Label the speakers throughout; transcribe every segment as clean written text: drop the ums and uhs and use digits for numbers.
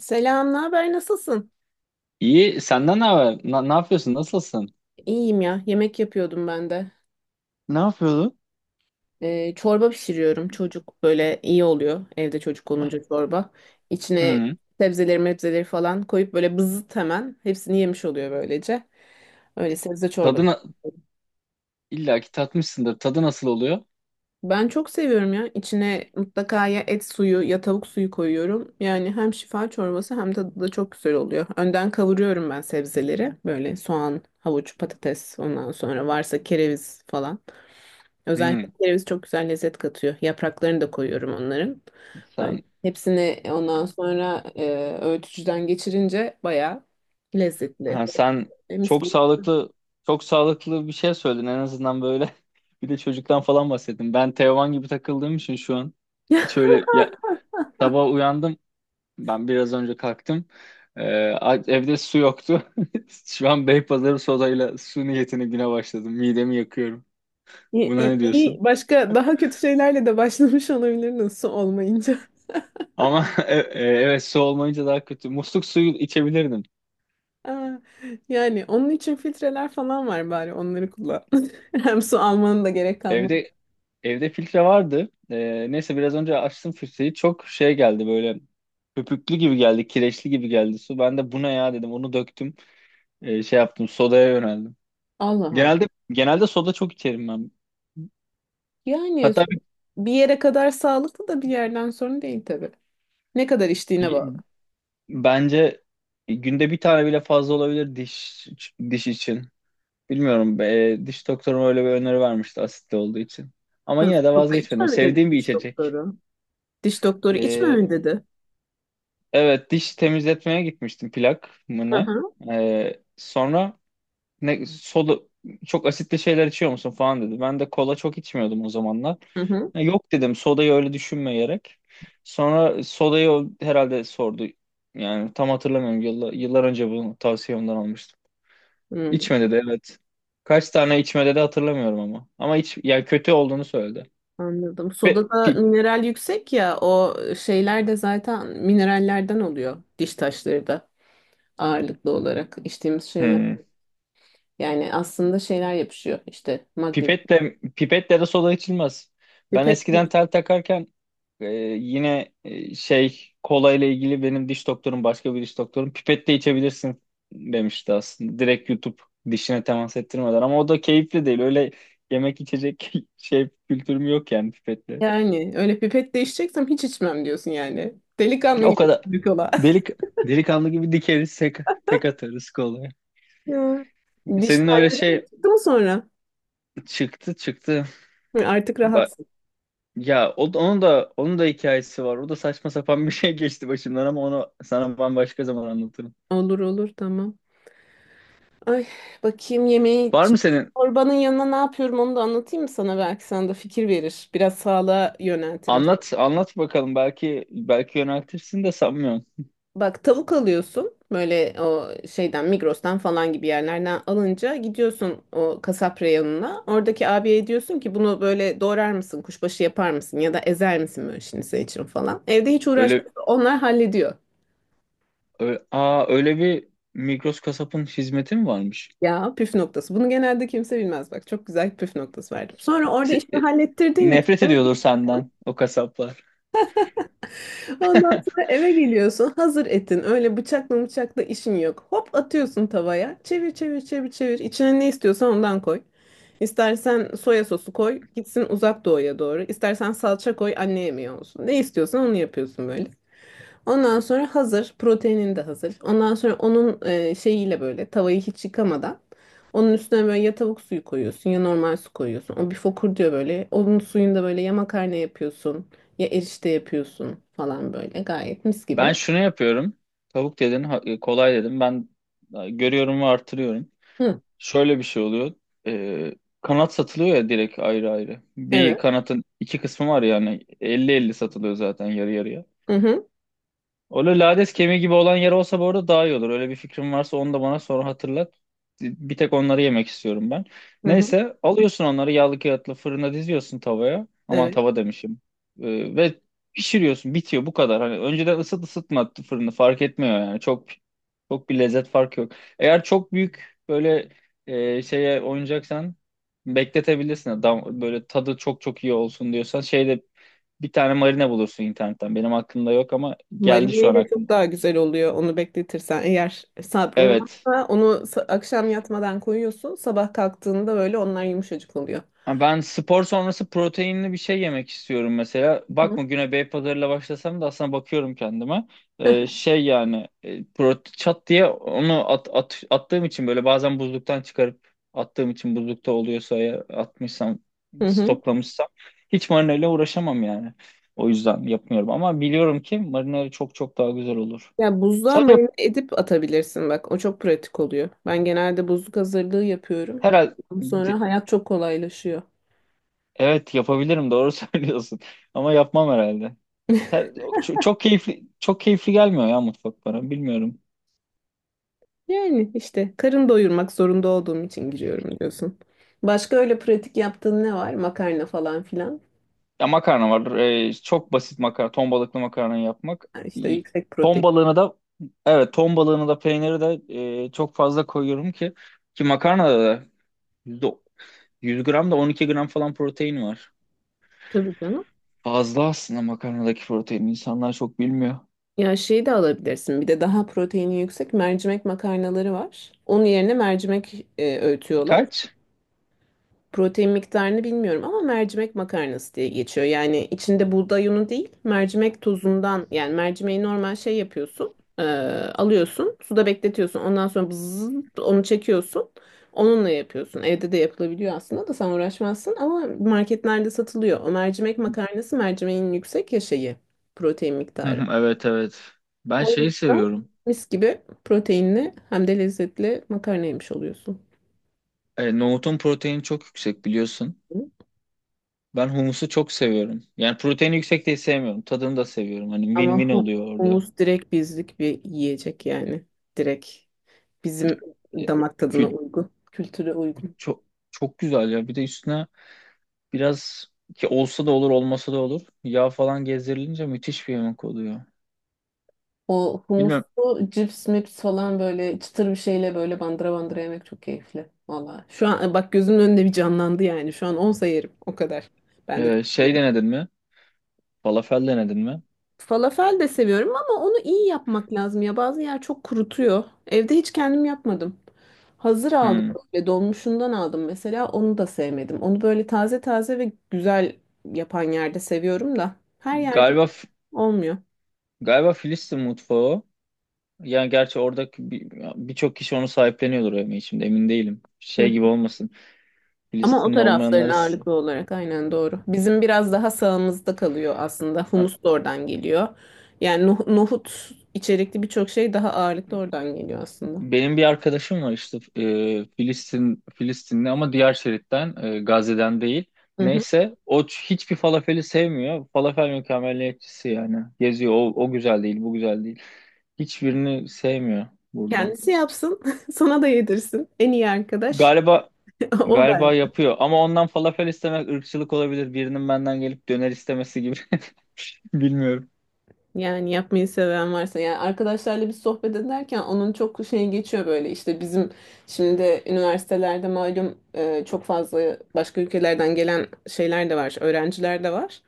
Speaker 1: Selam, ne haber? Nasılsın?
Speaker 2: İyi. Senden ne haber? Ne yapıyorsun? Nasılsın?
Speaker 1: İyiyim ya. Yemek yapıyordum ben de.
Speaker 2: Ne yapıyordu?
Speaker 1: Çorba pişiriyorum. Çocuk böyle iyi oluyor. Evde çocuk olunca çorba. İçine
Speaker 2: Hı.
Speaker 1: sebzeleri, mebzeleri falan koyup böyle bızıt hemen. Hepsini yemiş oluyor böylece. Öyle sebze çorbası.
Speaker 2: Tadına illa ki tatmışsındır. Tadı nasıl oluyor?
Speaker 1: Ben çok seviyorum ya. İçine mutlaka ya et suyu ya tavuk suyu koyuyorum. Yani hem şifa çorbası hem tadı da çok güzel oluyor. Önden kavuruyorum ben sebzeleri. Böyle soğan, havuç, patates, ondan sonra varsa kereviz falan. Özellikle
Speaker 2: Hı.
Speaker 1: kereviz çok güzel lezzet katıyor. Yapraklarını da koyuyorum onların. Böyle.
Speaker 2: Sen
Speaker 1: Hepsini ondan sonra öğütücüden geçirince bayağı lezzetli.
Speaker 2: ha, sen
Speaker 1: Mis
Speaker 2: çok
Speaker 1: gibi.
Speaker 2: sağlıklı çok sağlıklı bir şey söyledin en azından böyle. Bir de çocuktan falan bahsettin. Ben Teoman gibi takıldığım için şu an hiç öyle ya, sabah uyandım. Ben biraz önce kalktım. Evde su yoktu. Şu an Beypazarı sodayla su niyetine güne başladım. Midemi yakıyorum.
Speaker 1: İyi,
Speaker 2: Buna
Speaker 1: iyi-
Speaker 2: ne
Speaker 1: iyi.
Speaker 2: diyorsun?
Speaker 1: Başka daha kötü şeylerle de başlamış olabilirdiniz su olmayınca.
Speaker 2: Ama evet, su olmayınca daha kötü. Musluk suyu içebilirdim.
Speaker 1: Aa, yani onun için filtreler falan var, bari onları kullan. Hem su almanın da gerek kalmaz.
Speaker 2: Evde evde filtre vardı. Neyse biraz önce açtım filtreyi. Çok şey geldi böyle, köpüklü gibi geldi, kireçli gibi geldi su. Ben de bu ne ya dedim. Onu döktüm. Şey yaptım. Sodaya yöneldim.
Speaker 1: Allah Allah.
Speaker 2: Genelde soda çok içerim ben.
Speaker 1: Yani su
Speaker 2: Hatta
Speaker 1: bir yere kadar sağlıklı da bir yerden sonra değil tabii. Ne kadar içtiğine
Speaker 2: bir-
Speaker 1: bağlı.
Speaker 2: bence günde bir tane bile fazla olabilir, diş için. Bilmiyorum. Diş doktorum öyle bir öneri vermişti, asitli olduğu için. Ama
Speaker 1: Hı,
Speaker 2: yine de
Speaker 1: burada içme
Speaker 2: vazgeçmedim.
Speaker 1: mi dedi
Speaker 2: Sevdiğim bir
Speaker 1: diş
Speaker 2: içecek.
Speaker 1: doktoru? Diş doktoru içmeme
Speaker 2: E,
Speaker 1: dedi.
Speaker 2: Evet, diş temizletmeye gitmiştim, plak mı
Speaker 1: Hı
Speaker 2: ne?
Speaker 1: hı.
Speaker 2: Sonra ne, soda, çok asitli şeyler içiyor musun falan dedi. Ben de kola çok içmiyordum o zamanlar.
Speaker 1: Hı hı.
Speaker 2: Ya, yok dedim sodayı öyle düşünmeyerek. Sonra sodayı o herhalde sordu. Yani tam hatırlamıyorum, yıllar, yıllar önce bunu tavsiyemden almıştım.
Speaker 1: Hı,
Speaker 2: İçme dedi, evet. Kaç tane içme dedi hatırlamıyorum ama. Ama iç, yani kötü olduğunu söyledi.
Speaker 1: anladım.
Speaker 2: Pipet,
Speaker 1: Sodada
Speaker 2: pip,
Speaker 1: mineral yüksek ya, o şeyler de zaten minerallerden oluyor, diş taşları da ağırlıklı olarak içtiğimiz şeyler.
Speaker 2: hmm.
Speaker 1: Yani aslında şeyler yapışıyor işte, madde.
Speaker 2: Pipetle de soda içilmez. Ben
Speaker 1: Pipet
Speaker 2: eskiden tel takarken Ee, şey, kola ile ilgili benim diş doktorum başka bir diş doktorum pipette içebilirsin demişti aslında. Direkt YouTube, dişine temas ettirmeden, ama o da keyifli değil. Öyle yemek içecek şey kültürüm yok yani, pipetle.
Speaker 1: yani öyle pipet değişeceksem hiç içmem diyorsun yani. Delikanlı
Speaker 2: O
Speaker 1: gibi
Speaker 2: kadar
Speaker 1: bir kola.
Speaker 2: delik delikanlı gibi dikeriz, tek atarız kolaya.
Speaker 1: Ya. Diş
Speaker 2: Senin öyle
Speaker 1: telleri
Speaker 2: şey,
Speaker 1: çıktı mı sonra?
Speaker 2: çıktı çıktı.
Speaker 1: Hı, artık
Speaker 2: Ba-
Speaker 1: rahatsın.
Speaker 2: Onun da onun da hikayesi var. O da saçma sapan bir şey geçti başımdan ama onu sana bambaşka zaman anlatırım.
Speaker 1: Olur olur tamam. Ay, bakayım yemeği,
Speaker 2: Var mı senin
Speaker 1: çorbanın yanına ne yapıyorum onu da anlatayım mı sana, belki sana da fikir verir. Biraz sağlığa yöneltirim seni.
Speaker 2: Anlat, anlat bakalım. Belki yöneltirsin de sanmıyorum.
Speaker 1: Bak, tavuk alıyorsun böyle, o şeyden Migros'tan falan gibi yerlerden alınca gidiyorsun o kasap reyonuna. Oradaki abiye diyorsun ki bunu böyle doğrar mısın, kuşbaşı yapar mısın, ya da ezer misin böyle şimdi senin için falan. Evde hiç uğraşmıyor,
Speaker 2: Öyle,
Speaker 1: onlar hallediyor.
Speaker 2: Öyle bir, Migros kasapın hizmeti mi varmış?
Speaker 1: Ya, püf noktası. Bunu genelde kimse bilmez, bak. Çok güzel püf noktası verdim. Sonra orada
Speaker 2: Se-
Speaker 1: işini
Speaker 2: e,
Speaker 1: hallettirdin.
Speaker 2: Nefret ediyordur senden o kasaplar.
Speaker 1: Ondan sonra eve geliyorsun, hazır etin. Öyle bıçakla bıçakla işin yok. Hop atıyorsun tavaya. Çevir çevir çevir çevir. İçine ne istiyorsan ondan koy. İstersen soya sosu koy, gitsin uzak doğuya doğru. İstersen salça koy, anne yemeği olsun. Ne istiyorsan onu yapıyorsun böyle. Ondan sonra hazır. Proteinin de hazır. Ondan sonra onun şeyiyle böyle tavayı hiç yıkamadan onun üstüne böyle ya tavuk suyu koyuyorsun ya normal su koyuyorsun. O bir fokur diyor böyle. Onun suyunda böyle ya makarna yapıyorsun ya erişte yapıyorsun falan böyle. Gayet mis
Speaker 2: Ben
Speaker 1: gibi.
Speaker 2: şunu yapıyorum. Tavuk dedin, kolay dedim. Ben görüyorum ve artırıyorum.
Speaker 1: Hı,
Speaker 2: Şöyle bir şey oluyor. E, Kanat satılıyor ya, direkt ayrı ayrı. Bir
Speaker 1: evet.
Speaker 2: kanatın iki kısmı var, yani elli elli satılıyor zaten, yarı yarıya.
Speaker 1: Hı hı.
Speaker 2: Öyle lades kemiği gibi olan yer olsa bu arada daha iyi olur. Öyle bir fikrim varsa onu da bana sonra hatırlat. Bir tek onları yemek istiyorum ben.
Speaker 1: Hı hı.
Speaker 2: Neyse, alıyorsun onları yağlı kağıtlı fırına diziyorsun, tavaya. Aman,
Speaker 1: Evet.
Speaker 2: tava demişim. Ve pişiriyorsun, bitiyor bu kadar. Hani önceden ısıtma fırını, fark etmiyor yani. Çok çok bir lezzet farkı yok. Eğer çok büyük böyle şeye oynayacaksan bekletebilirsin. Böyle tadı çok çok iyi olsun diyorsan, şeyde bir tane marine bulursun internetten. Benim aklımda yok ama geldi şu an
Speaker 1: Marineyle
Speaker 2: aklıma.
Speaker 1: çok daha güzel oluyor onu bekletirsen. Eğer sabrın
Speaker 2: Evet.
Speaker 1: varsa onu akşam yatmadan koyuyorsun. Sabah kalktığında böyle onlar yumuşacık oluyor.
Speaker 2: Ha, ben spor sonrası proteinli bir şey yemek istiyorum mesela.
Speaker 1: Hı hı.
Speaker 2: Bakma, güne Beypazarı'yla başlasam da aslında bakıyorum kendime. Şey yani e, prote Çat diye onu attığım için, böyle bazen buzluktan çıkarıp attığım için, buzlukta oluyorsa eğer, atmışsam,
Speaker 1: Hı hı.
Speaker 2: stoklamışsam, hiç marineyle uğraşamam yani. O yüzden yapmıyorum ama biliyorum ki marineyle çok çok daha güzel olur.
Speaker 1: Ya, buzluğa
Speaker 2: Sadece
Speaker 1: marine edip atabilirsin bak. O çok pratik oluyor. Ben genelde buzluk hazırlığı yapıyorum.
Speaker 2: herhalde
Speaker 1: Ondan sonra hayat çok kolaylaşıyor.
Speaker 2: Evet, yapabilirim, doğru söylüyorsun. Ama yapmam herhalde. Her, Çok keyifli, çok keyifli gelmiyor ya mutfak bana, bilmiyorum.
Speaker 1: Yani işte karın doyurmak zorunda olduğum için giriyorum diyorsun. Başka öyle pratik yaptığın ne var? Makarna falan filan.
Speaker 2: Ya, makarna var. Çok basit makarna. Ton balıklı makarna yapmak.
Speaker 1: Ha, işte
Speaker 2: İyi.
Speaker 1: yüksek
Speaker 2: Ton
Speaker 1: protein.
Speaker 2: balığını da Evet, ton balığını da peyniri de çok fazla koyuyorum ki, makarnada da yüzde- 100 gram da 12 gram falan protein var.
Speaker 1: Tabii canım.
Speaker 2: Fazla aslında makarnadaki protein. İnsanlar çok bilmiyor.
Speaker 1: Ya şeyi de alabilirsin. Bir de daha proteini yüksek mercimek makarnaları var. Onun yerine mercimek öğütüyorlar.
Speaker 2: Kaç?
Speaker 1: Protein miktarını bilmiyorum ama mercimek makarnası diye geçiyor. Yani içinde buğday unu değil, mercimek tozundan, yani mercimeği normal şey yapıyorsun, alıyorsun, suda bekletiyorsun. Ondan sonra bzzz onu çekiyorsun. Onunla yapıyorsun. Evde de yapılabiliyor aslında da sen uğraşmazsın ama marketlerde satılıyor. O mercimek makarnası mercimeğin yüksek ya şeyi, protein
Speaker 2: Hı
Speaker 1: miktarı.
Speaker 2: hı. Evet, evet. Ben
Speaker 1: O
Speaker 2: şeyi
Speaker 1: yüzden
Speaker 2: seviyorum.
Speaker 1: mis gibi proteinli hem de lezzetli makarna yemiş oluyorsun.
Speaker 2: Nohutun proteini çok yüksek biliyorsun. Ben humusu çok seviyorum. Yani protein yüksek değil, sevmiyorum. Tadını da seviyorum. Hani
Speaker 1: Ama
Speaker 2: win-win oluyor orada.
Speaker 1: humus direkt bizlik bir yiyecek yani. Direkt bizim
Speaker 2: E,
Speaker 1: damak tadına
Speaker 2: Kül
Speaker 1: uygun, kültüre uygun.
Speaker 2: Çok çok güzel ya. Bir de üstüne biraz, ki olsa da olur, olmasa da olur, yağ falan gezdirilince müthiş bir yemek oluyor.
Speaker 1: O
Speaker 2: Bilmem
Speaker 1: humuslu cips mips falan böyle çıtır bir şeyle böyle bandıra bandıra yemek çok keyifli. Valla. Şu an bak, gözümün önünde bir canlandı yani. Şu an olsa yerim o kadar. Ben de çok
Speaker 2: şey
Speaker 1: severim.
Speaker 2: denedin mi? Falafel denedin mi?
Speaker 1: Falafel de seviyorum ama onu iyi yapmak lazım ya. Bazı yer çok kurutuyor. Evde hiç kendim yapmadım. Hazır aldım
Speaker 2: Hmm.
Speaker 1: böyle, dolmuşundan aldım mesela, onu da sevmedim. Onu böyle taze taze ve güzel yapan yerde seviyorum da her yerde
Speaker 2: Galiba
Speaker 1: olmuyor.
Speaker 2: galiba Filistin mutfağı o. Yani gerçi oradaki birçok kişi onu sahipleniyordur ama şimdi emin değilim.
Speaker 1: Hı.
Speaker 2: Şey gibi olmasın,
Speaker 1: Ama o
Speaker 2: Filistinli
Speaker 1: tarafların
Speaker 2: olmayanları.
Speaker 1: ağırlıklı olarak, aynen, doğru. Bizim biraz daha sağımızda kalıyor aslında. Humus da oradan geliyor. Yani nohut içerikli birçok şey daha ağırlıklı oradan geliyor aslında.
Speaker 2: Benim bir arkadaşım var işte Filistinli ama diğer şeritten, Gazze'den değil. Neyse o, hiçbir falafeli sevmiyor. Falafel mükemmeliyetçisi yani. Geziyor, o o güzel değil, bu güzel değil. Hiçbirini sevmiyor burada.
Speaker 1: Kendisi yapsın, sana da yedirsin. En iyi arkadaş
Speaker 2: Galiba
Speaker 1: o ben.
Speaker 2: galiba yapıyor, ama ondan falafel istemek ırkçılık olabilir. Birinin benden gelip döner istemesi gibi, bilmiyorum.
Speaker 1: Yani yapmayı seven varsa, yani arkadaşlarla bir sohbet ederken onun çok şey geçiyor böyle, işte bizim şimdi de üniversitelerde malum çok fazla başka ülkelerden gelen şeyler de var, öğrenciler de var.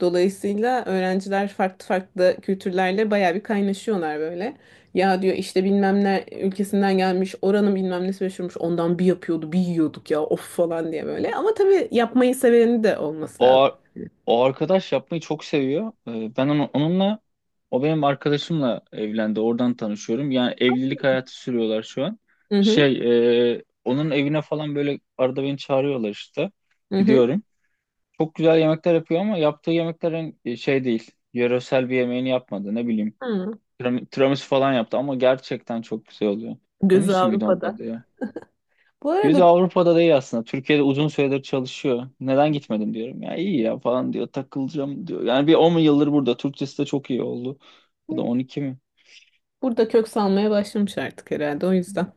Speaker 1: Dolayısıyla öğrenciler farklı farklı kültürlerle bayağı bir kaynaşıyorlar böyle. Ya diyor işte bilmem ne ülkesinden gelmiş, oranın bilmem nesi meşhurmuş, ondan bir yapıyordu bir yiyorduk ya, of falan diye böyle. Ama tabii yapmayı seveni de olması
Speaker 2: O,
Speaker 1: lazım.
Speaker 2: ar- O arkadaş yapmayı çok seviyor. Ben onu, onunla O benim arkadaşımla evlendi. Oradan tanışıyorum. Yani evlilik hayatı sürüyorlar şu an.
Speaker 1: Hı hı,
Speaker 2: Şey, onun evine falan böyle arada beni çağırıyorlar işte.
Speaker 1: hı hı.
Speaker 2: Gidiyorum. Çok güzel yemekler yapıyor ama yaptığı yemeklerin şey değil, yöresel bir yemeğini yapmadı. Ne bileyim,
Speaker 1: Hı.
Speaker 2: Tiramisu falan yaptı ama gerçekten çok güzel oluyor.
Speaker 1: Gözü
Speaker 2: Tiramisu muydu onun
Speaker 1: Avrupa'da.
Speaker 2: adı ya?
Speaker 1: Bu
Speaker 2: Gözü
Speaker 1: arada,
Speaker 2: Avrupa'da değil aslında. Türkiye'de uzun süredir çalışıyor. Neden gitmedim diyorum. Ya iyi ya falan diyor. Takılacağım diyor. Yani bir 10 yıldır burada. Türkçesi de çok iyi oldu. Ya da 12 mi?
Speaker 1: burada kök salmaya başlamış artık herhalde. O yüzden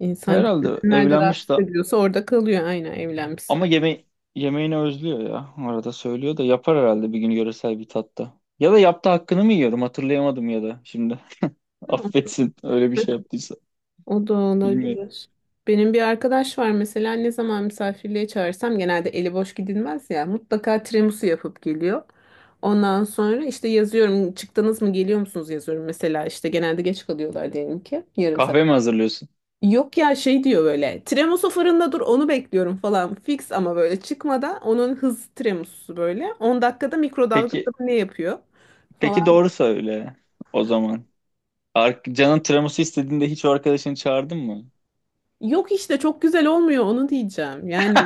Speaker 1: insan
Speaker 2: Herhalde
Speaker 1: kendini nerede rahat
Speaker 2: evlenmiş de
Speaker 1: hissediyorsa orada kalıyor. Aynen, evlenmiş
Speaker 2: ama
Speaker 1: zaten.
Speaker 2: yemeğini özlüyor ya. Arada söylüyor, da yapar herhalde bir gün yöresel bir tatta. Ya da yaptı, hakkını mı yiyorum, hatırlayamadım ya da şimdi.
Speaker 1: Ama
Speaker 2: Affetsin öyle bir şey yaptıysa.
Speaker 1: o da
Speaker 2: Bilmiyorum.
Speaker 1: olabilir. Benim bir arkadaş var mesela, ne zaman misafirliğe çağırsam, genelde eli boş gidilmez ya, mutlaka tiramisu yapıp geliyor. Ondan sonra işte yazıyorum çıktınız mı, geliyor musunuz yazıyorum mesela, işte genelde geç kalıyorlar diyelim ki 1/2 saat.
Speaker 2: Kahve mi hazırlıyorsun?
Speaker 1: Yok ya şey diyor böyle. Tremoso fırında dur, onu bekliyorum falan. Fix ama böyle çıkmadan onun hız tremosu böyle. 10 dakikada mikrodalgada
Speaker 2: Peki,
Speaker 1: ne yapıyor
Speaker 2: peki
Speaker 1: falan.
Speaker 2: doğru söyle o zaman. Canın tiramisu istediğinde hiç o arkadaşını çağırdın mı?
Speaker 1: Yok işte, çok güzel olmuyor onu diyeceğim. Yani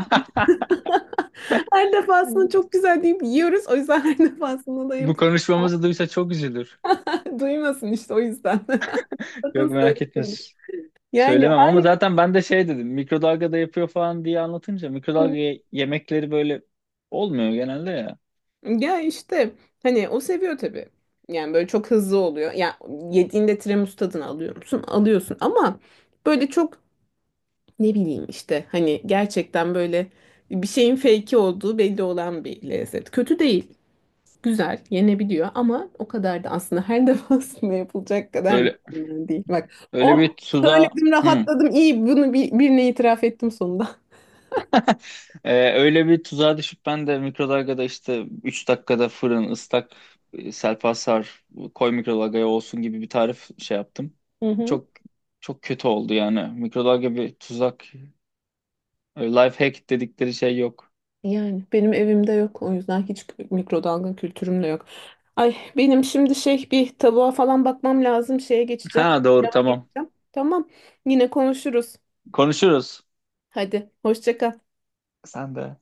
Speaker 1: her defasında çok güzel deyip yiyoruz. O yüzden her defasında da
Speaker 2: Bu
Speaker 1: yapıyor.
Speaker 2: konuşmamızı duysa çok üzülür.
Speaker 1: Duymasın işte, o yüzden.
Speaker 2: Yok,
Speaker 1: Sakın
Speaker 2: merak etme,
Speaker 1: söylemeyin. Yani
Speaker 2: söylemem, ama
Speaker 1: hayır.
Speaker 2: zaten ben de şey dedim, mikrodalgada yapıyor falan diye anlatınca, mikrodalga yemekleri böyle olmuyor genelde ya.
Speaker 1: Ya işte hani o seviyor tabii. Yani böyle çok hızlı oluyor. Ya, yediğinde tiramisu tadını alıyor musun? Alıyorsun ama böyle çok, ne bileyim işte, hani gerçekten böyle bir şeyin fake'i olduğu belli olan bir lezzet. Kötü değil. Güzel, yenebiliyor ama o kadar da aslında her defasında yapılacak kadar
Speaker 2: Öyle
Speaker 1: mükemmel değil. Bak,
Speaker 2: öyle
Speaker 1: o
Speaker 2: bir tuzağa,
Speaker 1: söyledim,
Speaker 2: hı.
Speaker 1: rahatladım. İyi, bunu birine itiraf ettim sonunda.
Speaker 2: Öyle bir tuzağa düşüp ben de mikrodalgada, işte 3 dakikada, fırın ıslak, selpasar koy mikrodalgaya olsun gibi bir tarif şey yaptım. Çok çok kötü oldu yani. Mikrodalga bir tuzak. Öyle life hack dedikleri şey yok.
Speaker 1: Yani benim evimde yok. O yüzden hiç mikrodalga kültürüm de yok. Ay benim şimdi şey, bir tavuğa falan bakmam lazım. Şeye geçeceğim.
Speaker 2: Ha, doğru,
Speaker 1: Pilava
Speaker 2: tamam.
Speaker 1: geçeceğim. Tamam. Yine konuşuruz.
Speaker 2: Konuşuruz.
Speaker 1: Hadi hoşça kal.
Speaker 2: Sen de.